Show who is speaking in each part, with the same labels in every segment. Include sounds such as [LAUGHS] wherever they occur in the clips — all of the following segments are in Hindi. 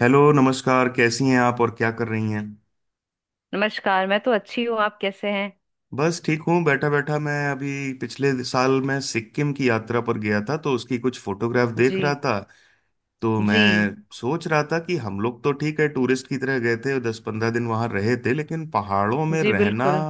Speaker 1: हेलो। नमस्कार, कैसी हैं आप और क्या कर रही हैं।
Speaker 2: नमस्कार। मैं तो अच्छी हूँ। आप कैसे हैं?
Speaker 1: बस ठीक हूँ। बैठा बैठा मैं अभी पिछले साल मैं सिक्किम की यात्रा पर गया था, तो उसकी कुछ फोटोग्राफ देख रहा
Speaker 2: जी।
Speaker 1: था। तो मैं
Speaker 2: जी।
Speaker 1: सोच रहा था कि हम लोग तो ठीक है टूरिस्ट की तरह गए थे, दस पंद्रह दिन वहाँ रहे थे, लेकिन पहाड़ों में
Speaker 2: जी।
Speaker 1: रहना
Speaker 2: बिल्कुल,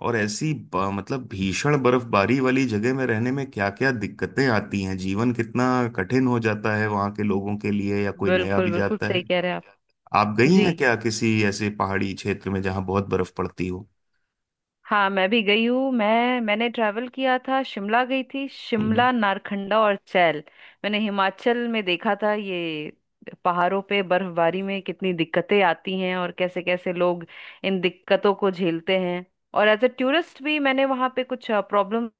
Speaker 1: और ऐसी मतलब भीषण बर्फबारी वाली जगह में रहने में क्या क्या दिक्कतें आती हैं, जीवन कितना कठिन हो जाता है वहाँ के लोगों के लिए या कोई नया
Speaker 2: बिल्कुल,
Speaker 1: भी
Speaker 2: बिल्कुल
Speaker 1: जाता
Speaker 2: सही
Speaker 1: है।
Speaker 2: कह रहे हैं आप।
Speaker 1: आप गई
Speaker 2: जी।
Speaker 1: हैं क्या किसी ऐसे पहाड़ी क्षेत्र में जहां बहुत बर्फ पड़ती हो?
Speaker 2: हाँ मैं भी गई हूँ। मैंने ट्रैवल किया था। शिमला गई थी।
Speaker 1: हम्म,
Speaker 2: शिमला, नारखंडा और चैल। मैंने हिमाचल में देखा था ये, पहाड़ों पे बर्फबारी में कितनी दिक्कतें आती हैं और कैसे कैसे लोग इन दिक्कतों को झेलते हैं। और एज ए टूरिस्ट भी मैंने वहाँ पे कुछ प्रॉब्लम्स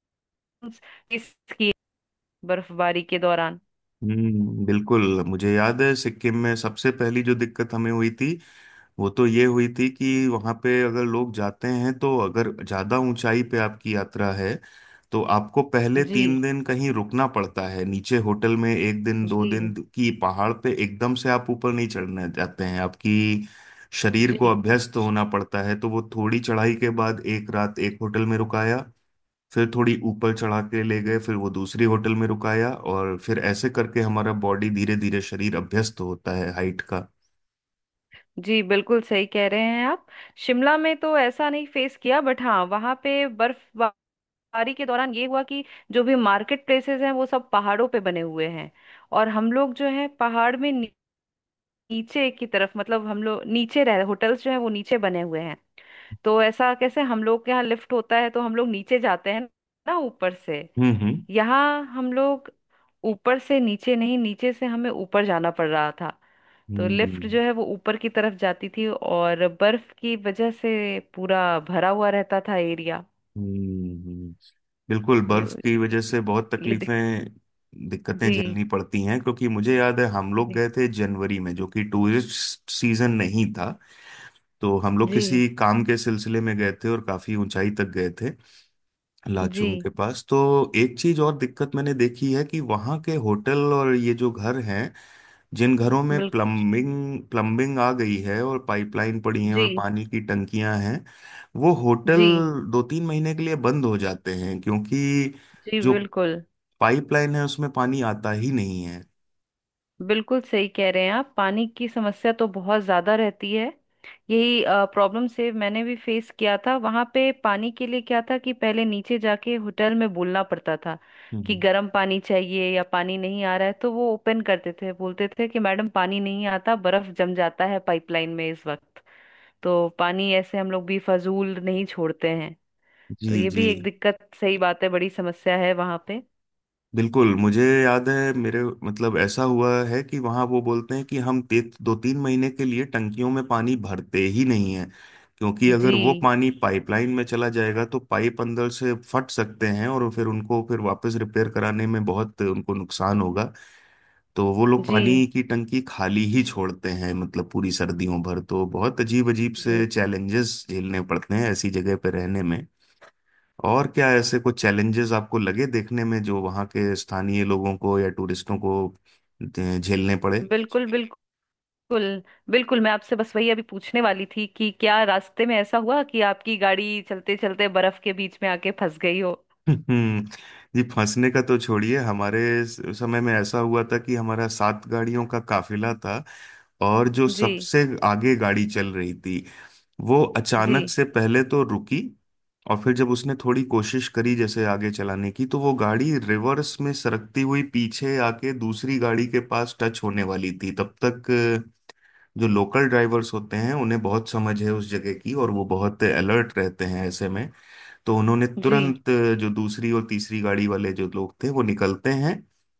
Speaker 2: फेस की बर्फबारी के दौरान।
Speaker 1: बिल्कुल मुझे याद है सिक्किम में सबसे पहली जो दिक्कत हमें हुई थी, वो तो ये हुई थी कि वहां पे अगर लोग जाते हैं, तो अगर ज्यादा ऊंचाई पे आपकी यात्रा है तो आपको पहले
Speaker 2: जी।
Speaker 1: तीन दिन कहीं रुकना पड़ता है नीचे होटल में, एक दिन दो दिन
Speaker 2: जी।
Speaker 1: की पहाड़ पे। एकदम से आप ऊपर नहीं चढ़ने जाते हैं। आपकी शरीर को
Speaker 2: जी।
Speaker 1: अभ्यस्त होना पड़ता है, तो वो थोड़ी चढ़ाई के बाद एक रात एक होटल में रुकाया, फिर थोड़ी ऊपर चढ़ा के ले गए, फिर वो दूसरी होटल में रुकाया, और फिर ऐसे करके हमारा बॉडी धीरे धीरे शरीर अभ्यस्त होता है हाइट का।
Speaker 2: जी। बिल्कुल सही कह रहे हैं आप। शिमला में तो ऐसा नहीं फेस किया, बट हाँ वहाँ पे बर्फबारी के दौरान ये हुआ कि जो भी मार्केट प्लेसेस हैं वो सब पहाड़ों पे बने हुए हैं। और हम लोग जो है पहाड़ में नीचे की तरफ, मतलब हम लोग नीचे रह, होटल्स जो है वो नीचे बने हुए हैं। तो ऐसा कैसे, हम लोग के यहाँ लिफ्ट होता है तो हम लोग नीचे जाते हैं ना, ऊपर से।
Speaker 1: हम्म। हम्म।
Speaker 2: यहाँ हम लोग ऊपर से नीचे नहीं, नीचे से हमें ऊपर जाना पड़ रहा था। तो लिफ्ट
Speaker 1: हम्म।
Speaker 2: जो है वो ऊपर की तरफ जाती थी और बर्फ की वजह से पूरा भरा हुआ रहता था एरिया।
Speaker 1: हम्म, हम्म। बिल्कुल
Speaker 2: तो
Speaker 1: बर्फ की वजह से बहुत
Speaker 2: ये दिक...
Speaker 1: तकलीफें दिक्कतें
Speaker 2: जी।
Speaker 1: झेलनी पड़ती हैं, क्योंकि मुझे याद है हम लोग
Speaker 2: जी।
Speaker 1: गए थे जनवरी में, जो कि टूरिस्ट सीजन नहीं था। तो हम लोग
Speaker 2: जी।
Speaker 1: किसी काम के सिलसिले में गए थे और काफी ऊंचाई तक गए थे,
Speaker 2: जी।
Speaker 1: लाचुंग के पास। तो एक चीज और दिक्कत मैंने देखी है कि वहाँ के होटल और ये जो घर हैं, जिन घरों में
Speaker 2: बिल्कुल।
Speaker 1: प्लम्बिंग प्लम्बिंग आ गई है और पाइपलाइन पड़ी है और
Speaker 2: जी।
Speaker 1: पानी की टंकियां हैं, वो होटल
Speaker 2: जी।
Speaker 1: दो तीन महीने के लिए बंद हो जाते हैं, क्योंकि
Speaker 2: जी।
Speaker 1: जो
Speaker 2: बिल्कुल,
Speaker 1: पाइपलाइन है उसमें पानी आता ही नहीं है।
Speaker 2: बिल्कुल सही कह रहे हैं आप। पानी की समस्या तो बहुत ज़्यादा रहती है। यही प्रॉब्लम से मैंने भी फेस किया था। वहाँ पे पानी के लिए क्या था कि पहले नीचे जाके होटल में बोलना पड़ता था कि
Speaker 1: हम्म।
Speaker 2: गर्म पानी चाहिए या पानी नहीं आ रहा है, तो वो ओपन करते थे, बोलते थे कि मैडम पानी नहीं आता, बर्फ जम जाता है पाइपलाइन में इस वक्त। तो पानी ऐसे हम लोग भी फजूल नहीं छोड़ते हैं। तो
Speaker 1: जी।
Speaker 2: ये
Speaker 1: जी,
Speaker 2: भी एक दिक्कत, सही बात है, बड़ी समस्या है वहाँ पे।
Speaker 1: बिल्कुल मुझे याद है मेरे मतलब ऐसा हुआ है कि वहाँ वो बोलते हैं कि दो तीन महीने के लिए टंकियों में पानी भरते ही नहीं है, क्योंकि अगर वो
Speaker 2: जी।
Speaker 1: पानी पाइपलाइन में चला जाएगा तो पाइप अंदर से फट सकते हैं और फिर उनको फिर वापस रिपेयर कराने में बहुत उनको नुकसान होगा। तो वो लोग
Speaker 2: जी।
Speaker 1: पानी की टंकी खाली ही छोड़ते हैं मतलब पूरी सर्दियों भर, तो बहुत अजीब अजीब
Speaker 2: जी।
Speaker 1: से चैलेंजेस झेलने पड़ते हैं ऐसी जगह पर रहने में। और क्या ऐसे कुछ चैलेंजेस आपको लगे देखने में जो वहाँ के स्थानीय लोगों को या टूरिस्टों को अ, झेलने पड़े?
Speaker 2: बिल्कुल। बिल्कुल। बिल्कुल। बिल्कुल मैं आपसे बस वही अभी पूछने वाली थी कि क्या रास्ते में ऐसा हुआ कि आपकी गाड़ी चलते चलते बर्फ के बीच में आके फंस गई हो।
Speaker 1: हम्म, जी, फंसने का तो छोड़िए, हमारे समय में ऐसा हुआ था कि हमारा सात गाड़ियों का काफिला था, और जो
Speaker 2: जी।
Speaker 1: सबसे आगे गाड़ी चल रही थी वो
Speaker 2: जी।
Speaker 1: अचानक से पहले तो रुकी। और फिर जब उसने थोड़ी कोशिश करी जैसे आगे चलाने की, तो वो गाड़ी रिवर्स में सरकती हुई पीछे आके दूसरी गाड़ी के पास टच होने वाली थी। तब तक जो लोकल ड्राइवर्स होते हैं, उन्हें बहुत समझ है उस जगह की और वो बहुत अलर्ट रहते हैं ऐसे में। तो उन्होंने
Speaker 2: जी।
Speaker 1: तुरंत जो दूसरी और तीसरी गाड़ी वाले जो लोग थे, वो निकलते हैं,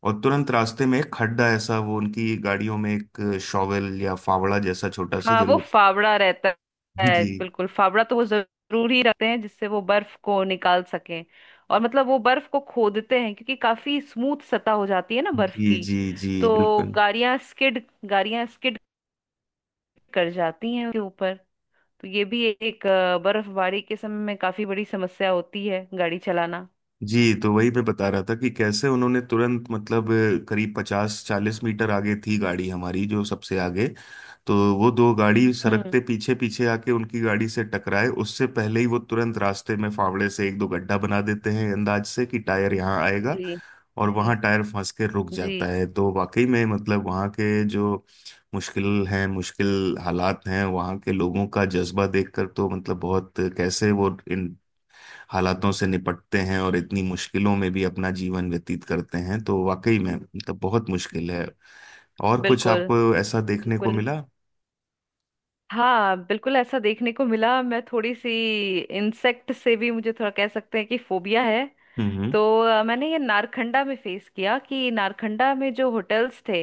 Speaker 1: और तुरंत रास्ते में एक खड्डा ऐसा वो उनकी गाड़ियों में एक शॉवेल या फावड़ा जैसा छोटा सा
Speaker 2: हाँ वो
Speaker 1: जरूर।
Speaker 2: फावड़ा रहता है,
Speaker 1: जी।
Speaker 2: बिल्कुल। फावड़ा तो वो जरूरी रखते हैं जिससे वो बर्फ को निकाल सकें। और मतलब वो बर्फ को खोदते हैं क्योंकि काफी स्मूथ सतह हो जाती है ना बर्फ
Speaker 1: जी।
Speaker 2: की।
Speaker 1: जी। जी,
Speaker 2: तो
Speaker 1: बिल्कुल।
Speaker 2: गाड़ियां स्किड कर जाती हैं उसके ऊपर। तो ये भी एक बर्फबारी के समय में काफी बड़ी समस्या होती है गाड़ी चलाना।
Speaker 1: जी, तो वही मैं बता रहा था कि कैसे उन्होंने तुरंत मतलब करीब पचास चालीस मीटर आगे थी गाड़ी हमारी जो सबसे आगे। तो वो दो गाड़ी
Speaker 2: हम्म।
Speaker 1: सरकते पीछे पीछे आके उनकी गाड़ी से टकराए, उससे पहले ही वो तुरंत रास्ते में फावड़े से एक दो गड्ढा बना देते हैं अंदाज से कि टायर यहाँ
Speaker 2: जी।
Speaker 1: आएगा, और
Speaker 2: जी।
Speaker 1: वहाँ टायर फंस के रुक
Speaker 2: जी।
Speaker 1: जाता है। तो वाकई में मतलब वहाँ के जो मुश्किल हैं, मुश्किल हालात हैं वहाँ के, लोगों का जज्बा देखकर तो मतलब बहुत कैसे वो हालातों से निपटते हैं और इतनी मुश्किलों में भी अपना जीवन व्यतीत करते हैं, तो वाकई में मतलब बहुत मुश्किल है। और कुछ
Speaker 2: बिल्कुल।
Speaker 1: आपको ऐसा देखने को
Speaker 2: बिल्कुल।
Speaker 1: मिला?
Speaker 2: हाँ बिल्कुल ऐसा देखने को मिला। मैं थोड़ी सी इंसेक्ट से भी, मुझे थोड़ा कह सकते हैं कि फोबिया है।
Speaker 1: हम्म।
Speaker 2: तो मैंने ये नारखंडा में फेस किया कि नारखंडा में जो होटल्स थे,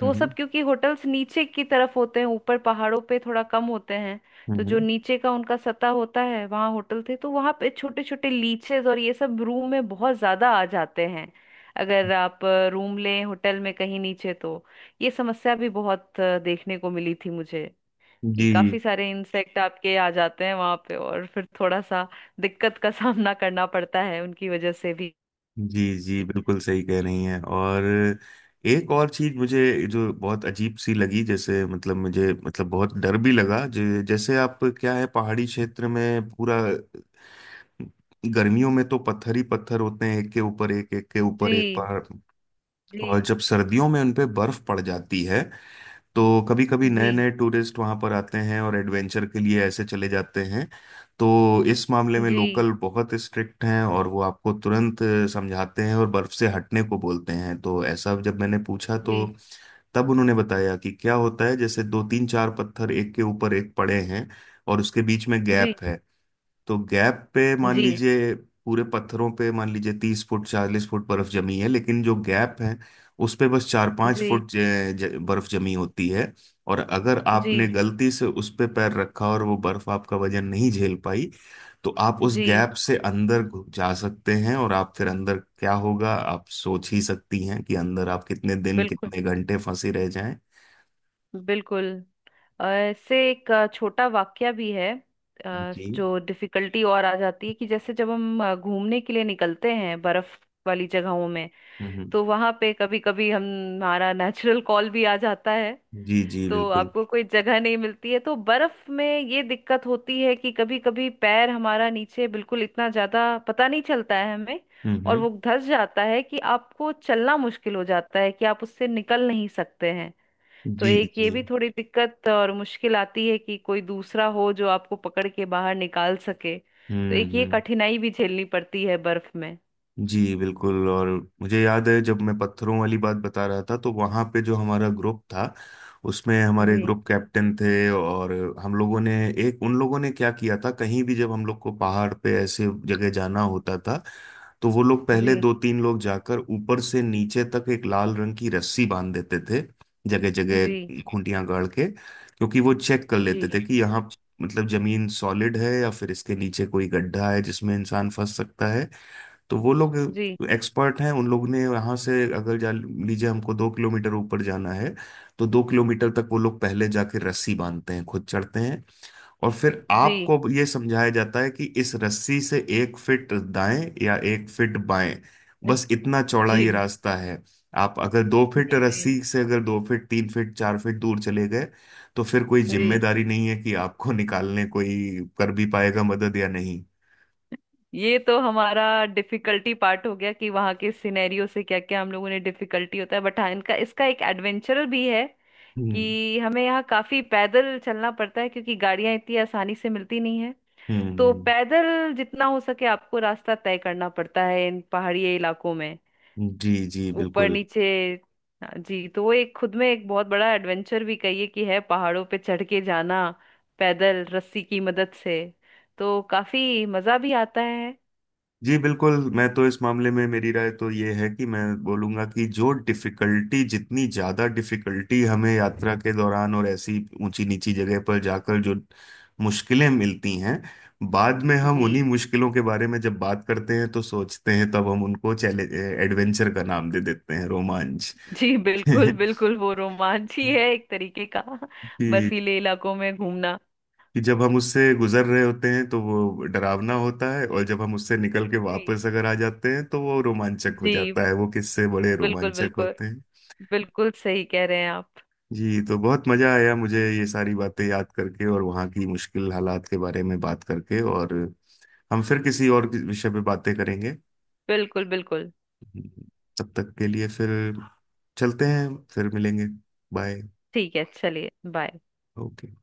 Speaker 2: तो वो
Speaker 1: हम्म।
Speaker 2: सब क्योंकि होटल्स नीचे की तरफ होते हैं, ऊपर पहाड़ों पे थोड़ा कम होते हैं।
Speaker 1: हम्म।
Speaker 2: तो जो
Speaker 1: हम्म।
Speaker 2: नीचे का उनका सतह होता है वहाँ होटल थे, तो वहाँ पे छोटे छोटे लीचेस और ये सब रूम में बहुत ज्यादा आ जाते हैं, अगर आप रूम लें होटल में कहीं नीचे। तो ये समस्या भी बहुत देखने को मिली थी मुझे कि काफी
Speaker 1: जी।
Speaker 2: सारे इंसेक्ट आपके आ जाते हैं वहां पे और फिर थोड़ा सा दिक्कत का सामना करना पड़ता है उनकी वजह से भी।
Speaker 1: जी। जी,
Speaker 2: जी।
Speaker 1: बिल्कुल सही कह रही हैं। और एक और चीज मुझे जो बहुत अजीब सी लगी, जैसे मतलब मुझे मतलब बहुत डर भी लगा, जैसे आप क्या है पहाड़ी क्षेत्र में, पूरा गर्मियों में तो पत्थर ही पत्थर होते हैं एक के ऊपर एक एक के ऊपर एक पहाड़, और
Speaker 2: जी।
Speaker 1: जब सर्दियों में उन पे बर्फ पड़ जाती है तो कभी कभी
Speaker 2: जी।
Speaker 1: नए नए टूरिस्ट वहां पर आते हैं और एडवेंचर के लिए ऐसे चले जाते हैं। तो इस मामले में
Speaker 2: जी।
Speaker 1: लोकल बहुत स्ट्रिक्ट हैं और वो आपको तुरंत समझाते हैं और बर्फ से हटने को बोलते हैं। तो ऐसा जब मैंने पूछा, तो
Speaker 2: जी।
Speaker 1: तब उन्होंने बताया कि क्या होता है, जैसे दो तीन चार पत्थर एक के ऊपर एक पड़े हैं, और उसके बीच में
Speaker 2: जी।
Speaker 1: गैप है। तो गैप पे मान
Speaker 2: जी।
Speaker 1: लीजिए, पूरे पत्थरों पे मान लीजिए 30 फुट 40 फुट बर्फ जमी है, लेकिन जो गैप है उस पे बस चार पांच
Speaker 2: जी।
Speaker 1: फुट बर्फ जमी होती है। और अगर
Speaker 2: जी।
Speaker 1: आपने गलती से उस पे पैर रखा और वो बर्फ आपका वजन नहीं झेल पाई, तो आप उस
Speaker 2: जी।
Speaker 1: गैप से अंदर जा सकते हैं, और आप फिर अंदर क्या होगा आप सोच ही सकती हैं कि अंदर आप कितने दिन
Speaker 2: बिल्कुल।
Speaker 1: कितने घंटे फंसे रह जाएं।
Speaker 2: बिल्कुल। ऐसे एक छोटा वाक्या भी है।
Speaker 1: जी।
Speaker 2: जो डिफिकल्टी और आ जाती है कि जैसे जब हम घूमने के लिए निकलते हैं बर्फ वाली जगहों में,
Speaker 1: हम्म।
Speaker 2: तो वहां पे कभी कभी हम हमारा नेचुरल कॉल भी आ जाता है।
Speaker 1: जी। जी,
Speaker 2: तो
Speaker 1: बिल्कुल।
Speaker 2: आपको कोई जगह नहीं मिलती है तो बर्फ में ये दिक्कत होती है कि कभी कभी पैर हमारा नीचे बिल्कुल इतना ज्यादा पता नहीं चलता है हमें,
Speaker 1: हम्म।
Speaker 2: और
Speaker 1: हम्म।
Speaker 2: वो धंस जाता है कि आपको चलना मुश्किल हो जाता है कि आप उससे निकल नहीं सकते हैं। तो
Speaker 1: जी।
Speaker 2: एक ये
Speaker 1: जी।
Speaker 2: भी थोड़ी दिक्कत और मुश्किल आती है कि कोई दूसरा हो जो आपको पकड़ के बाहर निकाल सके, तो
Speaker 1: हम्म।
Speaker 2: एक ये
Speaker 1: हम्म।
Speaker 2: कठिनाई भी झेलनी पड़ती है बर्फ में।
Speaker 1: जी, बिल्कुल। और मुझे याद है, जब मैं पत्थरों वाली बात बता रहा था, तो वहाँ पे जो हमारा ग्रुप था उसमें हमारे
Speaker 2: जी।
Speaker 1: ग्रुप कैप्टन थे, और हम लोगों ने एक उन लोगों ने क्या किया था, कहीं भी जब हम लोग को पहाड़ पे ऐसे जगह जाना होता था तो वो लोग
Speaker 2: जी।
Speaker 1: पहले दो तीन लोग जाकर ऊपर से नीचे तक एक लाल रंग की रस्सी बांध देते थे, जगह
Speaker 2: जी।
Speaker 1: जगह खूंटियां गाड़ के, क्योंकि वो चेक कर लेते थे
Speaker 2: जी।
Speaker 1: कि यहाँ मतलब जमीन सॉलिड है या फिर इसके नीचे कोई गड्ढा है जिसमें इंसान फंस सकता है। तो वो लोग
Speaker 2: जी।
Speaker 1: एक्सपर्ट हैं। उन लोग ने वहां से अगर जा लीजिए हमको दो किलोमीटर ऊपर जाना है, तो दो किलोमीटर तक वो लोग पहले जाके रस्सी बांधते हैं, खुद चढ़ते हैं, और फिर
Speaker 2: जी। जी।
Speaker 1: आपको ये समझाया जाता है कि इस रस्सी से एक फिट दाएं या एक फिट बाएं, बस इतना चौड़ा
Speaker 2: जी।
Speaker 1: ये रास्ता है। आप अगर दो फीट
Speaker 2: जी। जी।
Speaker 1: रस्सी से अगर दो फीट तीन फीट चार फीट दूर चले गए, तो फिर कोई
Speaker 2: जी।
Speaker 1: जिम्मेदारी नहीं है कि आपको निकालने कोई कर भी पाएगा मदद या नहीं।
Speaker 2: ये तो हमारा डिफिकल्टी पार्ट हो गया कि वहां के सिनेरियो से क्या क्या हम लोगों ने, डिफिकल्टी होता है, बट हाँ इनका, इसका एक एडवेंचर भी है
Speaker 1: हम्म।
Speaker 2: कि हमें यहाँ काफी पैदल चलना पड़ता है क्योंकि गाड़ियां इतनी आसानी से मिलती नहीं है। तो
Speaker 1: हम्म।
Speaker 2: पैदल जितना हो सके आपको रास्ता तय करना पड़ता है इन पहाड़ी इलाकों में,
Speaker 1: जी। जी,
Speaker 2: ऊपर
Speaker 1: बिल्कुल।
Speaker 2: नीचे। हाँ जी, तो वो एक खुद में एक बहुत बड़ा एडवेंचर भी कहिए कि है, पहाड़ों पे चढ़ के जाना पैदल, रस्सी की मदद से, तो काफी मजा भी आता है।
Speaker 1: जी, बिल्कुल। मैं तो इस मामले में मेरी राय तो ये है कि मैं बोलूंगा कि जो डिफिकल्टी, जितनी ज़्यादा डिफिकल्टी हमें यात्रा के दौरान और ऐसी ऊंची नीची जगह पर जाकर जो मुश्किलें मिलती हैं, बाद में हम
Speaker 2: जी।
Speaker 1: उन्हीं मुश्किलों के बारे में जब बात करते हैं तो सोचते हैं, तब हम उनको चैलेंज एडवेंचर का नाम दे देते हैं, रोमांच।
Speaker 2: जी। बिल्कुल,
Speaker 1: [LAUGHS]
Speaker 2: बिल्कुल वो रोमांच ही है एक तरीके का,
Speaker 1: जी,
Speaker 2: बर्फीले इलाकों में घूमना।
Speaker 1: कि जब हम उससे गुजर रहे होते हैं तो वो डरावना होता है, और जब हम उससे निकल के
Speaker 2: जी।
Speaker 1: वापस अगर आ जाते हैं तो वो रोमांचक हो
Speaker 2: जी।
Speaker 1: जाता है। वो किस्से बड़े
Speaker 2: बिल्कुल।
Speaker 1: रोमांचक
Speaker 2: बिल्कुल।
Speaker 1: होते हैं।
Speaker 2: बिल्कुल सही कह रहे हैं आप।
Speaker 1: जी, तो बहुत मजा आया मुझे ये सारी बातें याद करके और वहाँ की मुश्किल हालात के बारे में बात करके। और हम फिर किसी और विषय पे बातें करेंगे।
Speaker 2: बिल्कुल। बिल्कुल।
Speaker 1: तब तक के लिए फिर चलते हैं। फिर मिलेंगे। बाय।
Speaker 2: ठीक है, चलिए, बाय।
Speaker 1: ओके।